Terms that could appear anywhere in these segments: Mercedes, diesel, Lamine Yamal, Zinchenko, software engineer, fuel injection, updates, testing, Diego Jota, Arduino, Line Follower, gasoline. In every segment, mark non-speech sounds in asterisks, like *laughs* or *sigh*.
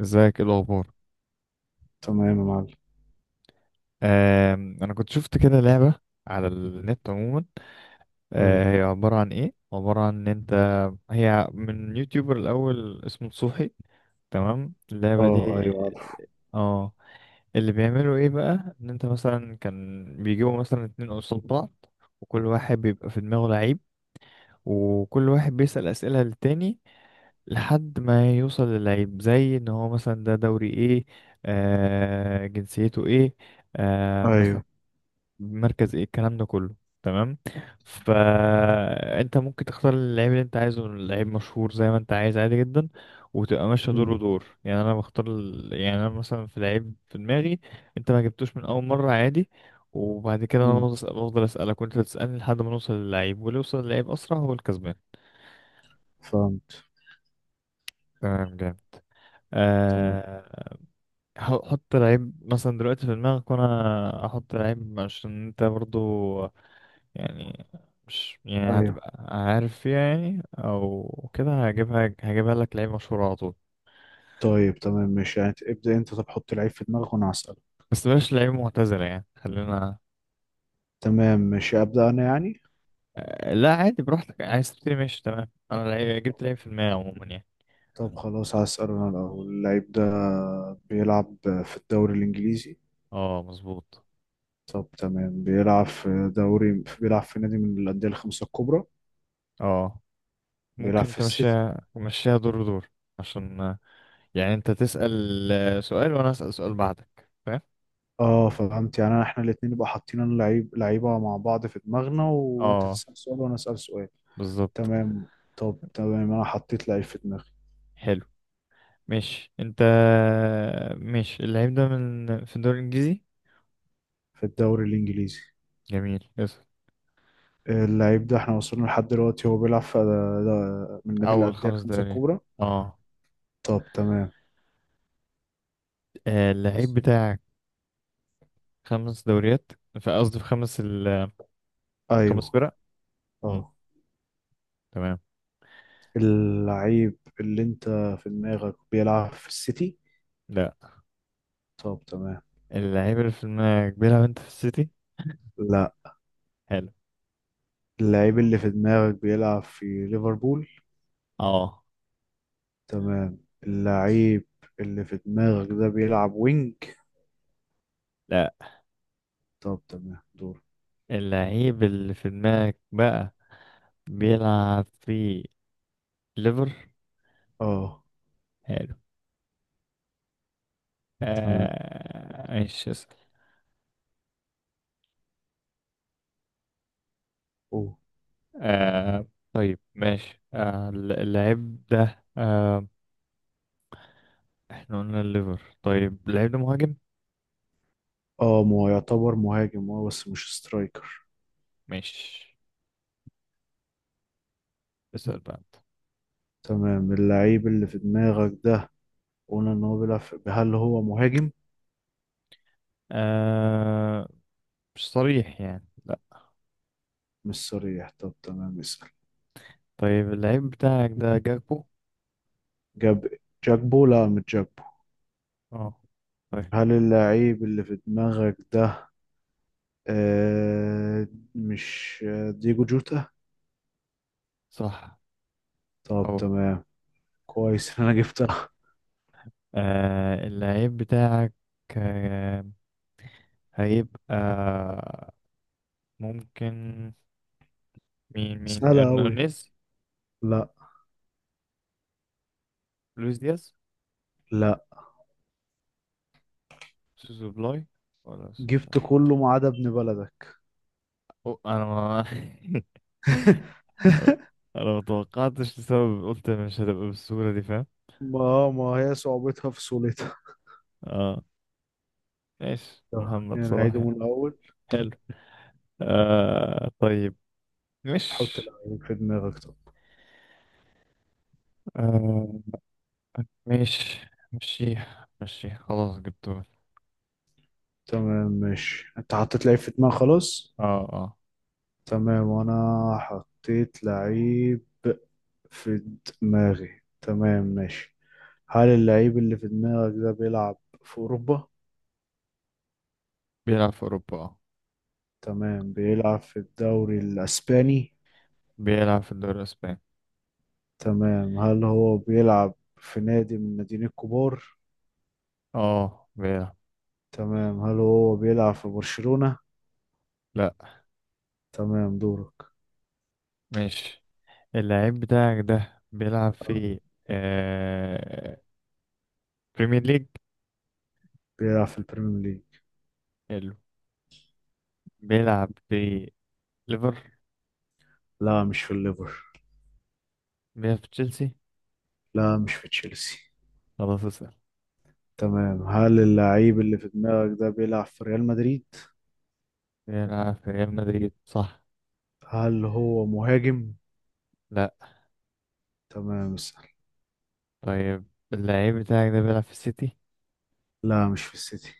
ازيك؟ ايه الاخبار؟ تمام يا معلم. انا كنت شفت كده لعبه على النت عموما. ايوه. هي عباره عن ان انت هي من يوتيوبر. الاول اسمه صوحي، تمام؟ اللعبه دي اه، ايوه، عارف. اه اللي بيعملوا ايه بقى؟ ان انت مثلا كان بيجيبوا مثلا اتنين قصاد بعض، وكل واحد بيبقى في دماغه لعيب، وكل واحد بيسأل أسئلة للتاني لحد ما يوصل للعيب، زي ان هو مثلا ده دوري ايه، جنسيته ايه، مثلا ايوه. مركز ايه، الكلام ده كله. تمام، فانت ممكن تختار اللعيب اللي انت عايزه، لعيب مشهور زي ما انت عايز عادي جدا، وتبقى ماشيه دور امم. ودور. يعني انا بختار يعني انا مثلا في لعيب في دماغي، انت ما جبتوش من اول مره عادي، وبعد كده انا امم. بفضل بفضل اسالك وانت تسالني لحد ما نوصل للعيب، واللي يوصل للعيب اسرع هو الكسبان. فهمت. تمام، جامد. تمام. أه، حط لعيب مثلا دلوقتي في دماغك وانا احط لعيب، عشان انت برضو يعني مش يعني ايوه. هتبقى عارف فيها يعني، او كده هجيبها لك لعيب مشهور على طول. طيب، تمام ماشي، يعني ابدأ انت، طب حط العيب في دماغك وانا هسأله. بس بلاش لعيب معتزل يعني، خلينا. تمام ماشي، أبدأ انا يعني. لا عادي، براحتك، عايز تبتدي ماشي. تمام، انا لعيب، جبت لعيب في المية عموما يعني. طب خلاص هسأل انا الاول، اللعيب ده بيلعب في الدوري الانجليزي. اه مظبوط. طب تمام، بيلعب في دوري، بيلعب في نادي من الأندية الخمسة الكبرى. اه، بيلعب ممكن في السيتي. تمشيها تمشيها دور دور، عشان يعني انت تسأل سؤال وانا اسأل سؤال بعدك، فاهم؟ اه فهمت، يعني احنا الاتنين نبقى حاطين اللعيب لعيبة مع بعض في دماغنا، وانت اه تسأل سؤال وانا أسأل سؤال. بالظبط. تمام. طب تمام، انا حطيت لعيب في دماغي. حلو، ماشي انت. ماشي، اللعيب ده في الدوري الانجليزي؟ في الدوري الانجليزي. جميل، اسأل. اللعيب ده احنا وصلنا لحد دلوقتي هو بيلعب في، ده من نادي أول الانديه خمس الخمسه دوريات؟ الكبرى. اه. طب تمام. اللعيب بتاعك خمس دوريات، في قصدي في خمس ايوه. فرق. مم. اه. تمام. اللعيب اللي انت في دماغك بيلعب في السيتي؟ لا. طب تمام. اللعيب اللي في دماغك بيلعب انت في السيتي؟ لا، حلو. اللعيب اللي في دماغك بيلعب في ليفربول. اه. تمام، اللعيب اللي في دماغك ده بيلعب وينج؟ لا. طب تمام دور. اللعيب اللي في دماغك بقى بيلعب في ليفر؟ اه. حلو. تمام. ماشي، اسأل. آه طيب، ماشي، اللعيب ده احنا قلنا الليفر، طيب اللعيب ده مهاجم؟ اه ما هو يعتبر مهاجم، اه بس مش سترايكر. ماشي، اسأل بقى. تمام، اللعيب اللي في دماغك ده قلنا ان هو هل هو مهاجم؟ آه مش صريح يعني، لا. مش صريح، طب تمام اسأل. طيب، اللعيب بتاعك ده جاكبو؟ جاب جاكبو، لا مش جاكبو. اه طيب. هل اللعيب اللي في دماغك ده آه مش ديجو جوتا؟ صح. طب اهو. تمام، كويس إن انا جبتها. اللعيب بتاعك آه هيبقى ممكن مين *laughs* مين سهلة اوي. ارنانيز؟ لا، لويس دياز؟ لا، سوسو بلاي، ولا مش جبت عارف. كله ما عدا ابن بلدك. أو انا ما *laughs* *laughs* انا ما توقعتش لسبب، قلت مش هتبقى بالسهولة دي، فاهم؟ ما هي صعوبتها في سهولتها. اه، ايش محمد يعني صلاح نعيده من يعني. الاول. حلو. طيب، مش حط لعيب في دماغك طب. آه ماشي، مشيها مشيها، خلاص جبته. تمام ماشي، انت حطيت لعيب في دماغك خلاص. اه اه. تمام، وانا حطيت لعيب في دماغي، تمام ماشي. هل اللعيب اللي في دماغك ده بيلعب في اوروبا؟ بيلعب في أوروبا اه. تمام، بيلعب في الدوري الاسباني. بيلعب في الدوري الأسباني. تمام، هل هو بيلعب في نادي من الناديين الكبار؟ اه بيلعب. تمام، هل هو بيلعب في برشلونة؟ لا. تمام دورك. ماشي، اللعيب بتاعك ده بيلعب في آه بريمير ليج. بيلعب في البريمير ليج. حلو. بيلعب في ليفر؟ لا مش في الليفر. بيلعب في تشيلسي؟ لا مش في تشيلسي. خلاص، اسأل. تمام، هل اللعيب اللي في دماغك ده بيلعب في ريال مدريد؟ بيلعب في ريال مدريد، صح. هل هو مهاجم؟ لا. تمام اسأل. طيب، اللعيب بتاعك ده بيلعب في السيتي؟ لا مش في السيتي.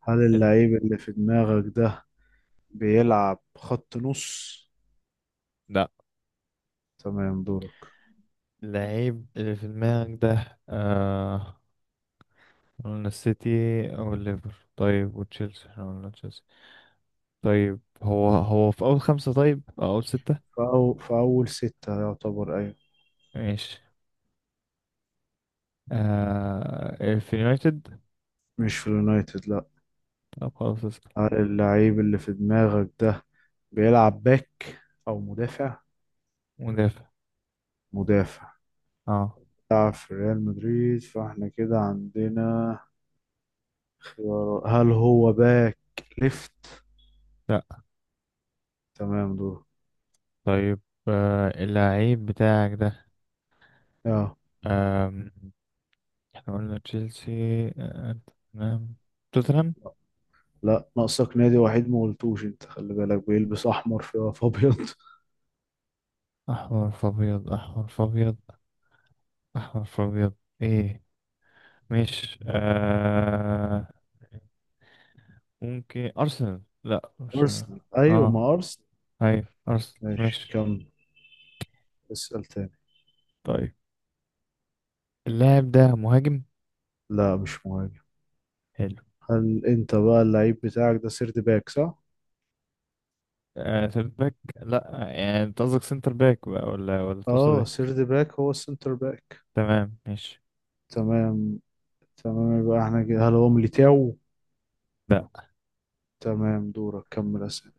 هل ال- اللعيب اللي في دماغك ده بيلعب خط نص؟ لا. تمام دورك. اللعيب اللي في دماغك ده قلنا السيتي او الليفر، طيب وتشيلسي، احنا قلنا تشيلسي، طيب هو في اول خمسة؟ طيب او اول ستة؟ في أول ستة يعتبر، أيوة. ماشي. في يونايتد؟ مش في اليونايتد، لا. طب خلاص، اسكت. هل اللعيب اللي في دماغك ده بيلعب باك أو مدافع؟ مدافع. مدافع. اه. بيلعب في ريال مدريد، فاحنا كده عندنا خيارات، هل هو باك ليفت؟ لا. تمام دورك. طيب، اللعيب بتاعك ده، اه. آم، احنا قلنا تشيلسي، آه، تمام، توتنهام؟ لا ناقصك نادي وحيد ما قلتوش، انت خلي بالك بيلبس احمر في ابيض. احمر في ابيض، احمر في ابيض، احمر في ابيض. ايه، مش ممكن ارسنال، لا *laughs* مش. ارسنال، ايوه اه ما ارسنال. ايوه ارسنال، ماشي ماشي. كمل، اسال تاني. طيب اللاعب ده مهاجم؟ لا مش مهاجم. حلو. هل انت بقى اللعيب بتاعك ده سيرد باك، صح؟ سيرت باك، لا يعني انت قصدك سنتر باك بقى، ولا تقصد اه، ايه؟ سيرد باك هو السنتر باك. تمام، ماشي. تمام. تمام، يبقى احنا كده هل هو ميليتاو؟ لا. تمام دورك، كمل اسئله.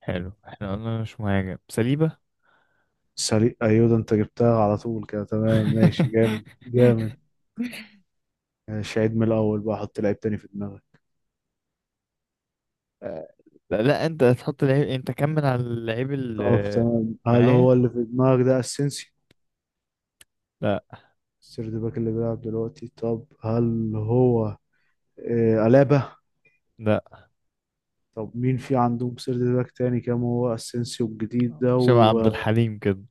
حلو، احنا قلنا مش مهاجم، سليبة. سريع، ايوه ده انت جبتها على طول كده، تمام ماشي، جامد *laughs* جامد. ماشي عيد من الاول بقى، حط لعيب تاني في دماغك. آه، لا لا، انت هتحط لعيب، انت كمل على اللعيب طب اللي تمام، هل معايا. هو اللي في دماغك ده اسينسيو، لا. السيرد باك اللي بيلعب دلوقتي؟ طب هل هو ألابا؟ لا، طب مين في عندهم سيرد باك تاني؟ كام هو اسينسيو الجديد ده شبه عبد وشبه الحليم كده.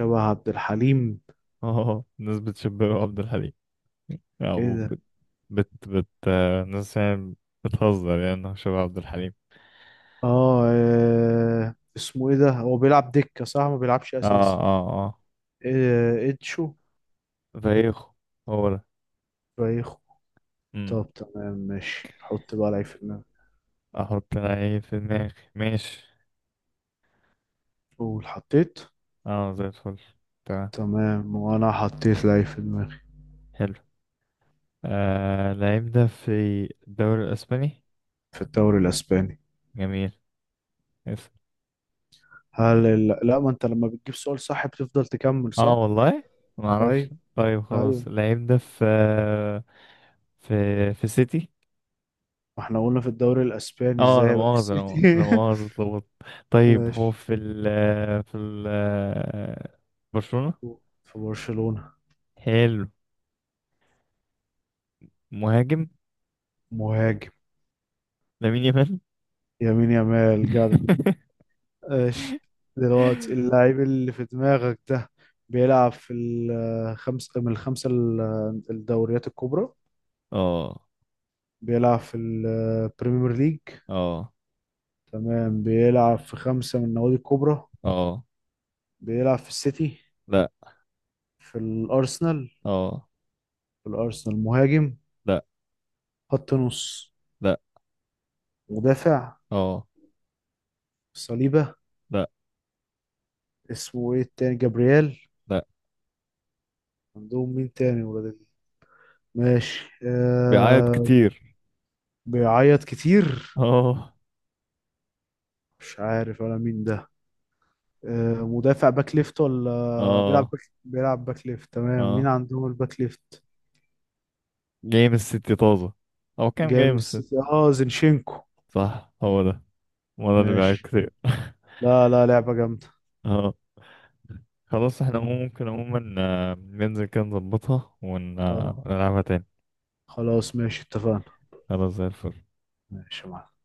عبد الحليم؟ اه، الناس بتشبهه عبد الحليم، ايه او ده؟ بت بت بت الناس يعني بتهزر يعني إنه شبه عبد الحليم. اسمه ايه ده، هو بيلعب دكة صح، ما بيلعبش اه اساسي؟ اه اه. اتشو؟ زيخو، هو ده. بايخو. امم. طب تمام ماشي، حط بقى لعيب في دماغي. احط لعيب في دماغي، ماشي. قول حطيت. اه زي الفل. تمام. تمام، وانا حطيت لعيب في دماغي. حلو. لعيب ده في الدوري الاسباني. في الدوري الاسباني. جميل، اسم. لا، ما انت لما بتجيب سؤال صح بتفضل تكمل، صح؟ اه والله ما طيب. اعرفش. طيب خلاص، ايوه. اللعيب ده في في في سيتي. واحنا قلنا في الدوري الاسباني اه ازاي لا هيبقى مؤاخذة، السيتي؟ لا مؤاخذة، اتلخبطت. *laughs* طيب هو ماشي. في ال برشلونة. في برشلونة. حلو. مهاجم. مهاجم. لامين يامال. يمين يامال، جدع. ماشي. دلوقتي *laughs* اللاعب اللي في دماغك ده بيلعب في الخمس من الخمسة الدوريات الكبرى. اه بيلعب في البريمير ليج. اه تمام، بيلعب في خمسة من النوادي الكبرى. اه. بيلعب في السيتي. لا. في الأرسنال. اه. في الأرسنال مهاجم. لا خط نص. لا. مدافع. اه. صليبة. لا اسمه ايه التاني، جابرييل؟ لا. عندهم مين تاني ماشي. بيعيط كتير. بيعيط *laughs* كتير. اه مش عارف انا مين ده. آه مدافع، باك ليفت ولا بيلعب اه باك، بيلعب باك ليفت، تمام مين اه. عندهم الباك ليفت؟ جاي من الست طازة، او كام، جاي جاي من من الست. السيتي، اه زينشينكو. صح هو ده. هو ده اللي بيعيط ماشي. كتير. *laughs* لا، لا، لعبة جامدة. اه، خلاص، احنا ممكن عموما ننزل كده نظبطها اه ونلعبها تاني. خلاص ماشي اتفقنا. خلاص زي الفل. ماشي يا معلم.